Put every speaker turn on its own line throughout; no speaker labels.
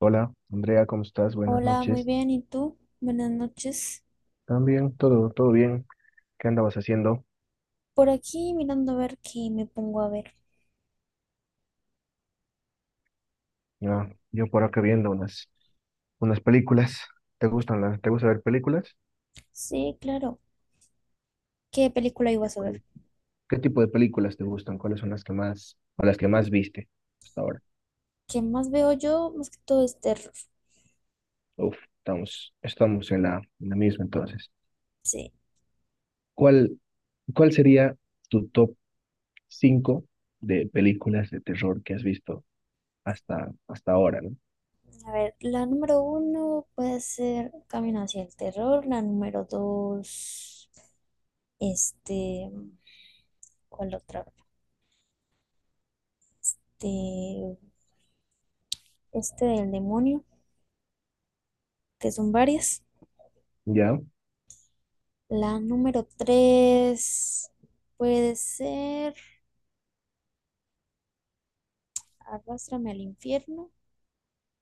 Hola, Andrea, ¿cómo estás? Buenas
Hola, muy
noches.
bien. ¿Y tú? Buenas noches.
También, todo bien. ¿Qué andabas haciendo?
Por aquí mirando a ver qué me pongo a ver.
Ah, yo por acá viendo unas películas. ¿Te gusta ver películas?
Sí, claro. ¿Qué película ibas a ver?
Sí. ¿Qué tipo de películas te gustan? ¿Cuáles son las que más viste hasta ahora?
¿Qué más veo yo? Más que todo es terror.
Uf, estamos en la misma entonces.
Sí.
¿Cuál, cuál sería tu top 5 de películas de terror que has visto hasta ahora, ¿no?
A ver, la número uno puede ser Camino hacia el terror. La número dos, este, ¿cuál otra? De, este del demonio, que son varias.
¿Ya?
La número tres puede ser Arrástrame al infierno.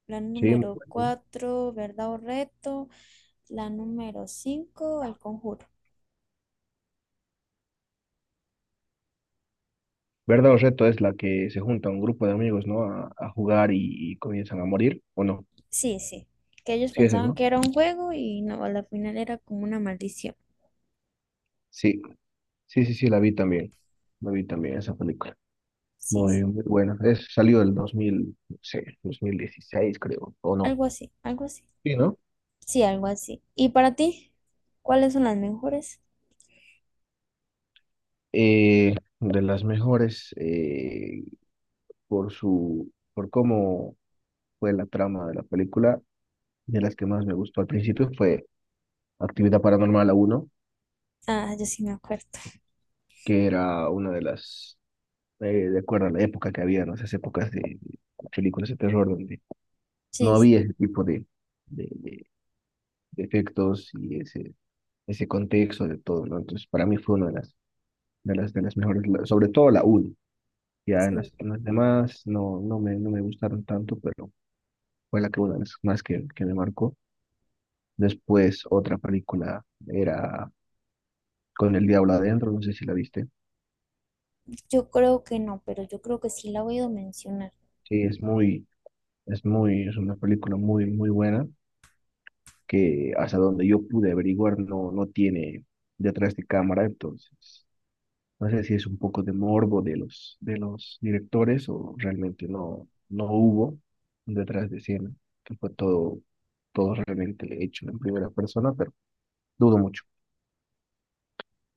La
Sí, muy
número
bueno.
cuatro, verdad o reto. La número cinco, el conjuro.
Verdad o reto es la que se junta un grupo de amigos, ¿no? A jugar y comienzan a morir, ¿o no?
Sí, sí. Que ellos
Sí, esa es,
pensaban
¿no?
que era un juego y no, a la final era como una maldición.
Sí, sí, sí, sí, la vi también. La vi también esa película.
Sí,
Muy,
sí.
muy buena. Salió el 2000 no sé, 2016 creo, ¿o no?
Algo así, algo así.
Sí, ¿no?
Sí, algo así. ¿Y para ti? ¿Cuáles son las mejores?
Eh, de las mejores por por cómo fue la trama de la película, de las que más me gustó al principio fue Actividad Paranormal uno
Ah, yo sí me acuerdo.
que era una de las eh, de acuerdo a la época que había, ¿no? Esas épocas de películas de terror donde no
Sí,
había
sí,
ese tipo de, de- de efectos y ese contexto de todo, ¿no? Entonces, para mí fue una de las mejores, sobre todo la 1. Ya en
sí.
las demás no me gustaron tanto, pero fue la que una de las más que me marcó. Después, otra película era Con el Diablo Adentro, no sé si la viste.
Yo creo que no, pero yo creo que sí la he oído mencionar.
Sí, es una película muy, muy buena que hasta donde yo pude averiguar no tiene detrás de cámara, entonces no sé si es un poco de morbo de los directores o realmente no hubo un detrás de escena, que fue todo realmente hecho en primera persona, pero dudo mucho.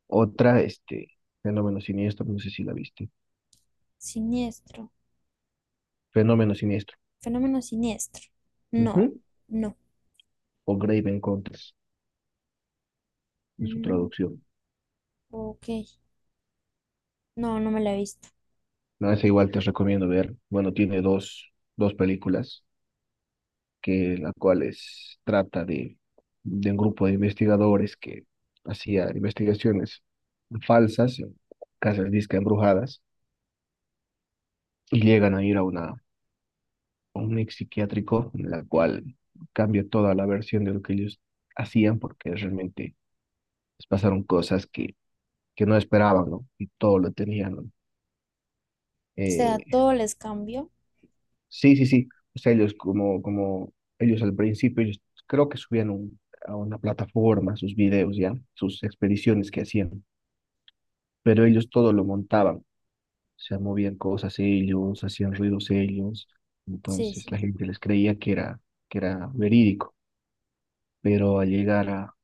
Otra, Fenómeno Siniestro, no sé si la viste,
Siniestro.
Fenómeno Siniestro,
Fenómeno siniestro. No,
ujú,
no.
o Grave Encounters, en su
Mm,
traducción.
ok. No, no me la he visto.
No, esa igual te recomiendo ver. Bueno, tiene dos películas que trata de un grupo de investigadores que hacían investigaciones falsas, en casas disque embrujadas, y llegan a ir a un ex psiquiátrico, en la cual cambia toda la versión de lo que ellos hacían, porque realmente les pasaron cosas que no esperaban, ¿no? Y todo lo tenían, ¿no?
O sea,
eh,
todo les cambió.
Sí, sí, sí. O sea, ellos como ellos al principio, ellos creo que subían a una plataforma sus videos, ya, sus expediciones que hacían, pero ellos todo lo montaban. O sea, movían cosas ellos, hacían ruidos ellos.
Sí,
Entonces
sí.
la gente les creía que era verídico. Pero al llegar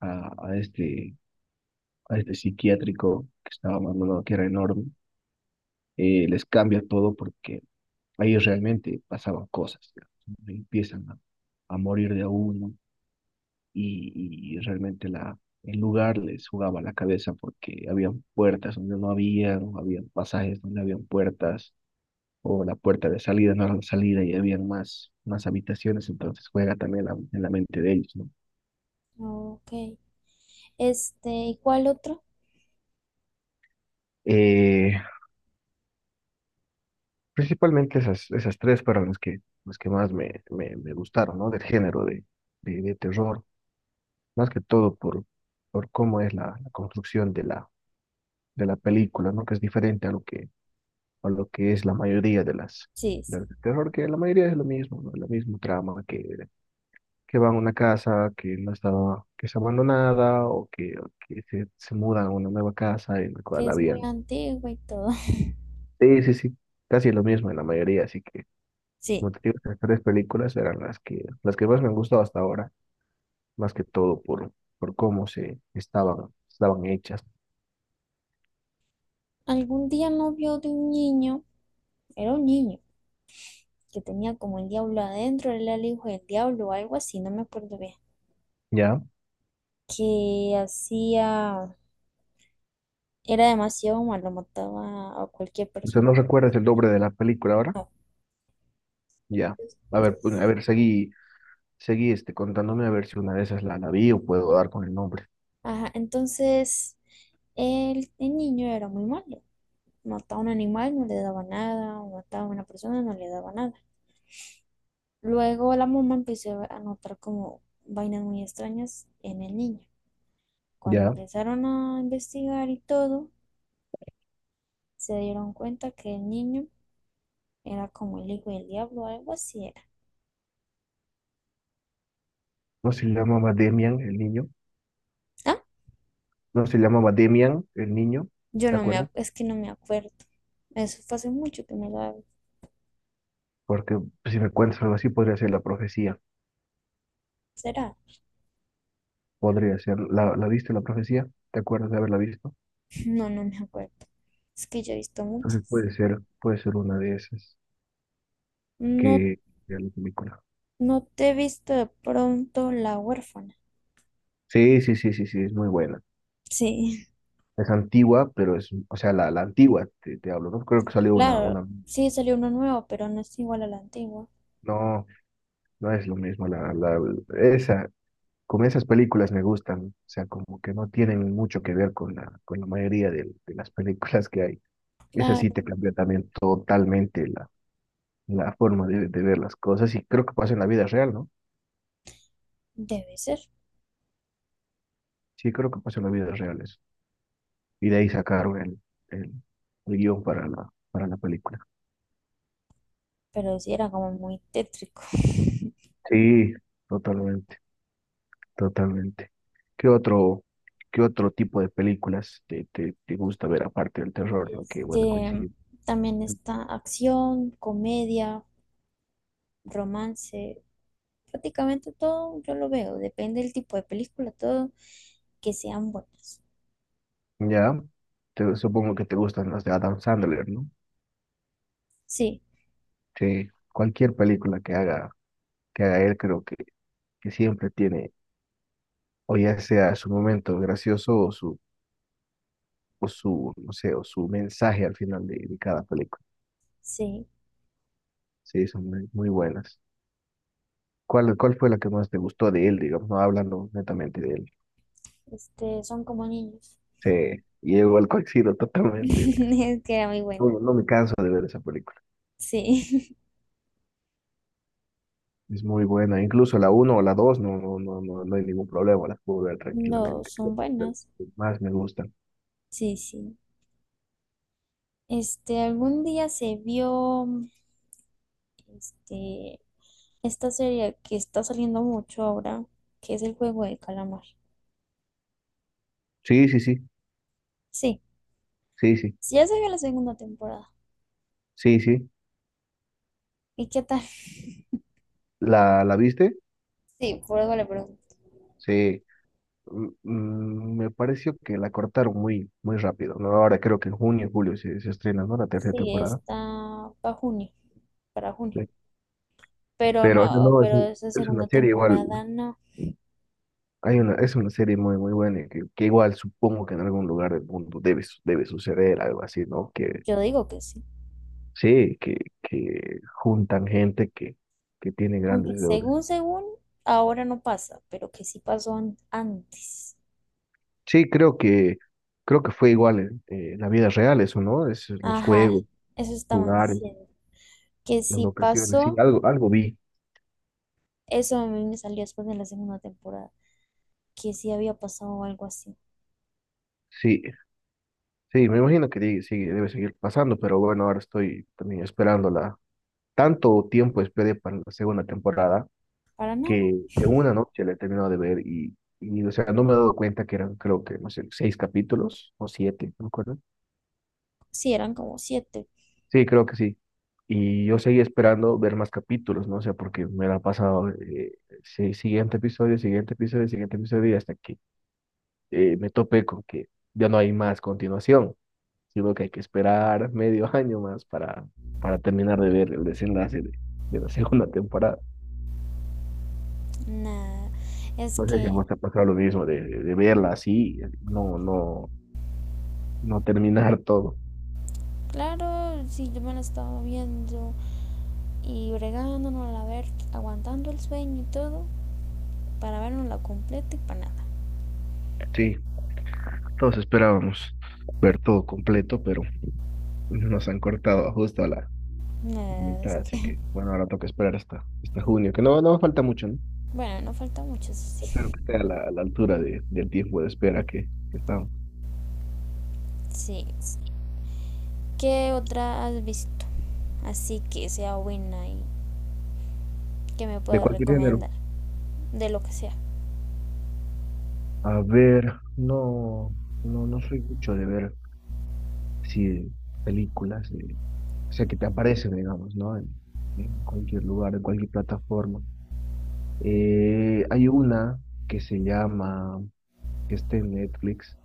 a, a este, a este psiquiátrico que estaba abandonado, que era enorme, les cambia todo porque ahí realmente pasaban cosas. Ya. Empiezan a morir de a uno y realmente el lugar les jugaba la cabeza porque habían puertas donde no habían, habían pasajes donde habían puertas, o la puerta de salida no era la salida y habían más habitaciones, entonces juega también en la mente de ellos, ¿no?
Ok. ¿Y cuál otro?
Eh, Principalmente esas tres fueron las que más me gustaron, ¿no? Del género de terror, más que todo por cómo es la construcción de la película, ¿no? Que es diferente a lo que es la mayoría de las
Sí,
de
sí,
las de terror, que la mayoría es lo mismo, ¿no? La misma trama que van a una casa que no estaba, que está abandonada o que se mudan a una nueva casa en la
que
cual
es muy
habían.
antiguo y todo.
Sí, sí, sí, casi lo mismo en la mayoría, así que
Sí.
como te digo, estas tres películas eran las que más me han gustado hasta ahora, más que todo por cómo se estaban hechas,
Algún día no vio de un niño, era un niño, que tenía como el diablo adentro, él era el hijo del diablo o algo así, no me acuerdo bien.
¿ya?
Que hacía, era demasiado malo, mataba a cualquier
Usted
persona.
¿no recuerda el nombre de la película ahora? Ya. A ver, pues, a
Entonces,
ver, seguí contándome a ver si una de esas la vi o puedo dar con el nombre.
Ajá, entonces el niño era muy malo. Mataba a un animal, no le daba nada, o mataba a una persona, no le daba nada. Luego la mamá empezó a notar como vainas muy extrañas en el niño. Cuando
Ya,
empezaron a investigar y todo, se dieron cuenta que el niño era como el hijo del diablo, algo así era.
no se llamaba Demian el niño,
Ah,
no se llamaba Demian el niño,
yo
¿te
no me,
acuerdas?
es que no me acuerdo. Eso fue hace mucho que me lo
Porque si me cuentas algo así, podría ser la profecía,
¿Será?
podría ser, ¿la viste la profecía? ¿Te acuerdas de haberla visto?
No, no me acuerdo. Es que yo he visto
Entonces
muchas.
puede ser una de esas
No,
que de la película.
no te he visto de pronto la huérfana.
Sí, sí, sí, sí, sí, es muy buena.
Sí.
Es antigua, pero o sea, la antigua, te hablo, ¿no? Creo que salió
Claro, sí salió uno nuevo, pero no es igual al antiguo.
no, no es lo mismo, esa, como esas películas me gustan, o sea, como que no tienen mucho que ver con la mayoría de las películas que hay. Esa sí
Claro,
te cambia también totalmente la forma de ver las cosas y creo que pasa en la vida real, ¿no?
debe ser,
Sí, creo que pasa en la vida real eso. Y de ahí sacaron el, el guión para la película.
pero sí era como muy tétrico.
Sí, totalmente, totalmente. ¿Qué otro, qué otro tipo de películas te gusta ver aparte del terror, ¿no? Que bueno,
Este,
coincidir.
también está acción, comedia, romance, prácticamente todo yo lo veo, depende del tipo de película, todo que sean buenas.
Ya, supongo que te gustan las de Adam Sandler, ¿no?
Sí,
Sí, cualquier película que haga él, creo que siempre tiene, o ya sea su momento gracioso no sé, o su mensaje al final de cada película.
sí,
Sí, son muy, muy buenas. ¿Cuál fue la que más te gustó de él, digamos, no hablando netamente de él?
son como niños.
Sí, y igual coincido totalmente.
Es que era muy buena.
No, no me canso de ver esa película.
Sí,
Es muy buena, incluso la uno o la 2 no, no, no, no, no hay ningún problema, las puedo ver
no,
tranquilamente, creo
son
que es de
buenas.
las que más me gustan.
Sí, sí. Algún día se vio este, esta serie que está saliendo mucho ahora, que es el juego de calamar.
Sí, sí, sí,
Sí,
sí, sí,
sí, ya salió la segunda temporada.
sí, sí.
¿Y qué tal?
¿La viste?
Sí, por algo le pregunto.
Sí. Me pareció que la cortaron muy, muy rápido, ¿no? Ahora creo que en junio, julio se estrena, ¿no? La tercera
Sí,
temporada.
está para junio, para junio.
Sí.
Pero
Pero o sea,
no,
no, es,
pero
un-
esa
es una
segunda
serie igual,
temporada no.
es una serie muy, muy buena y que igual supongo que en algún lugar del mundo debe suceder algo así, ¿no? Que
Yo digo que sí.
Sí, que juntan gente que tiene
Aunque
grandes deudas.
según, ahora no pasa, pero que sí pasó antes.
Sí, creo que fue igual en la vida real eso, ¿no? Es los
Ajá,
juegos,
eso estaban
lugares,
diciendo. Que
las
sí
locaciones, sí,
pasó,
algo vi.
eso a mí me salió después de la segunda temporada. Que sí había pasado algo así.
Sí, sí, me imagino que sí, debe seguir pasando, pero bueno, ahora estoy también esperándola. Tanto tiempo esperé para la segunda temporada
Para nada.
que en una noche la he terminado de ver y, o sea, no me he dado cuenta que eran, creo que, no sé, seis capítulos o siete, ¿no?
Sí, eran como siete.
Sí, creo que sí. Y yo seguí esperando ver más capítulos, ¿no? O sea, porque me la pasaba sí, siguiente episodio, siguiente episodio, siguiente episodio, y hasta que me topé con que ya no hay más continuación, sino que hay que esperar medio año más para terminar de ver el desenlace de la segunda temporada.
Nada. Es
No sé si a
que,
vos te ha pasado lo mismo de verla así, no terminar todo.
claro, si yo me la estaba viendo y bregándonos a ver, aguantando el sueño y todo, para vernos la completa y para nada.
Sí, todos esperábamos ver todo completo, pero nos han cortado justo a la
Nada, es
mitad, así
que,
que bueno, ahora toca esperar hasta junio, que no falta mucho, ¿no?
bueno, no falta mucho, eso
Espero
sí.
que esté a la altura del tiempo de espera que estamos.
Sí. ¿Qué otra has visto? Así que sea buena y que me
¿De
puedas
cualquier género?
recomendar. De lo que sea.
A ver, no soy mucho de ver sí, películas, o sea, que te aparecen, digamos, ¿no? En cualquier lugar, en cualquier plataforma. Hay una que se llama, que está en Netflix,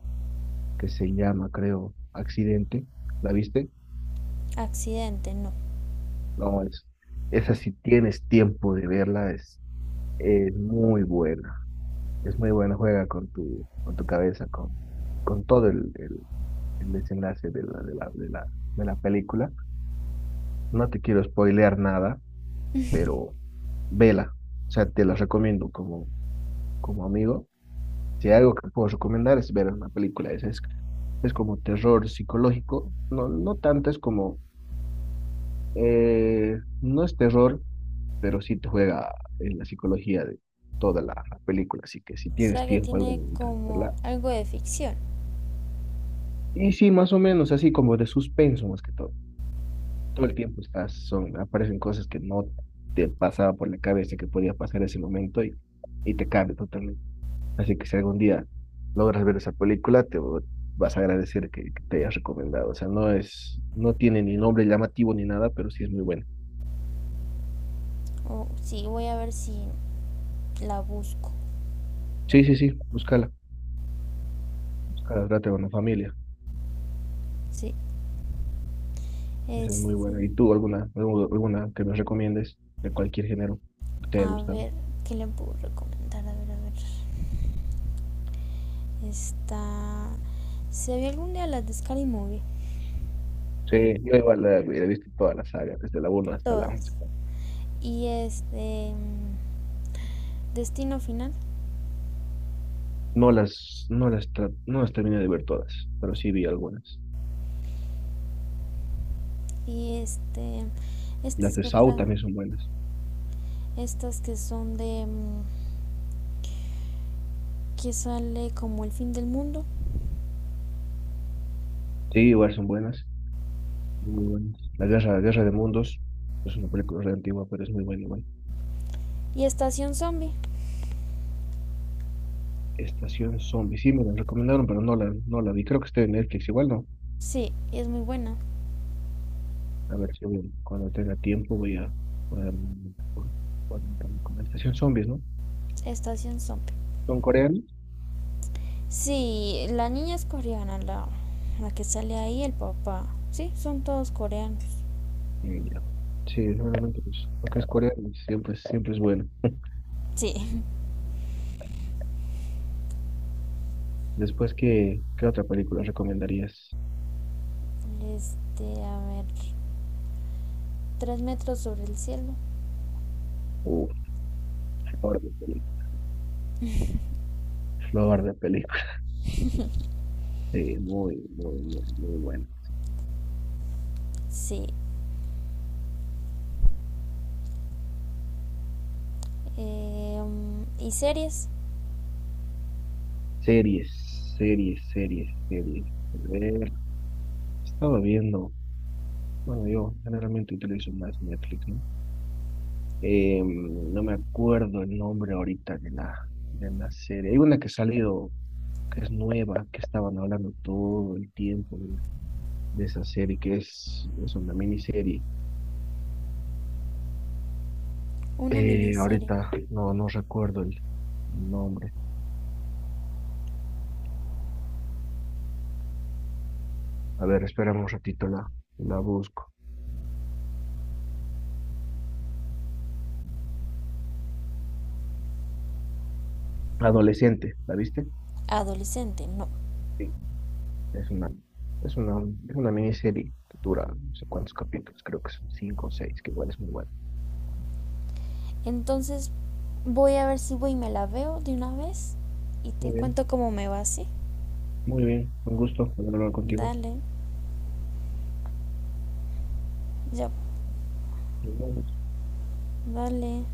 que se llama, creo, Accidente. ¿La viste?
Accidente, no.
No, esa si tienes tiempo de verla, es muy buena. Es muy buena, juega con tu cabeza, con todo el desenlace de la película. No te quiero spoilear nada, pero vela. O sea, te la recomiendo como amigo. Si hay algo que puedo recomendar es ver una película. Es como terror psicológico. No, no tanto, es como, no es terror pero sí te juega en la psicología de toda la película, así que si
O
tienes
sea que
tiempo, algo
tiene
de
como
verla.
algo de ficción.
Y sí, más o menos así como de suspenso más que todo. Todo el tiempo aparecen cosas que no te pasaba por la cabeza que podía pasar ese momento y te cambia totalmente. Así que si algún día logras ver esa película, vas a agradecer que te hayas recomendado. O sea, no es, no tiene ni nombre llamativo ni nada, pero sí es muy buena.
Oh, sí, voy a ver si la busco.
Sí, sí, sí, búscala, búscala, trata con la familia.
Sí.
Esa es muy
Este,
buena. ¿Y tú alguna, alguna que nos recomiendes de cualquier género que te haya
a
gustado?
ver, ¿qué le puedo recomendar? A ver, a ver. Está. Se vi algún día las de Scary Movie.
Sí, yo igual he visto toda la saga, desde la 1 hasta la 11.
Todas. Y Destino Final.
No las terminé de ver todas, pero sí vi algunas.
Y
Las
Estas
de
que
Saw
atrás.
también son buenas.
Estas que son de. Que sale como el fin del mundo.
Sí, igual son buenas, muy buenas. La Guerra de Mundos es una película re antigua, pero es muy buena igual.
Y Estación Zombie.
Estación Zombie, sí me la recomendaron, pero no la vi. Creo que está en Netflix, igual no.
Sí, es muy buena.
A ver si cuando tenga tiempo voy a poner por- la estación zombies, ¿no?
Estación Zombie.
Son coreanos.
Sí, la niña es coreana, la que sale ahí, el papá. Sí, son todos coreanos.
Y ya. Sí, seguramente pues, porque es coreano, siempre, siempre es bueno.
Sí.
Después, ¿qué otra película recomendarías?
A ver, tres metros sobre el cielo.
Uf, flor de película. Flor de película. Sí, muy, muy, muy, muy buena.
Sí. Y series,
Series, series, series, series. A ver, estaba viendo, bueno, yo generalmente utilizo más Netflix, ¿no? No me acuerdo el nombre ahorita de la serie. Hay una que ha salido, que es nueva, que estaban hablando todo el tiempo de esa serie, que es una miniserie.
una miniserie.
Ahorita no recuerdo el nombre. A ver, espérame un ratito, la busco. Adolescente, ¿la viste?
Adolescente, no.
Sí. Es una, es una, es una miniserie que dura no sé cuántos capítulos, creo que son cinco o seis, que igual es muy bueno.
Entonces voy a ver si voy y me la veo de una vez y te
Muy bien,
cuento cómo me va, ¿sí?
muy bien, un gusto hablar contigo.
Dale, ya, dale.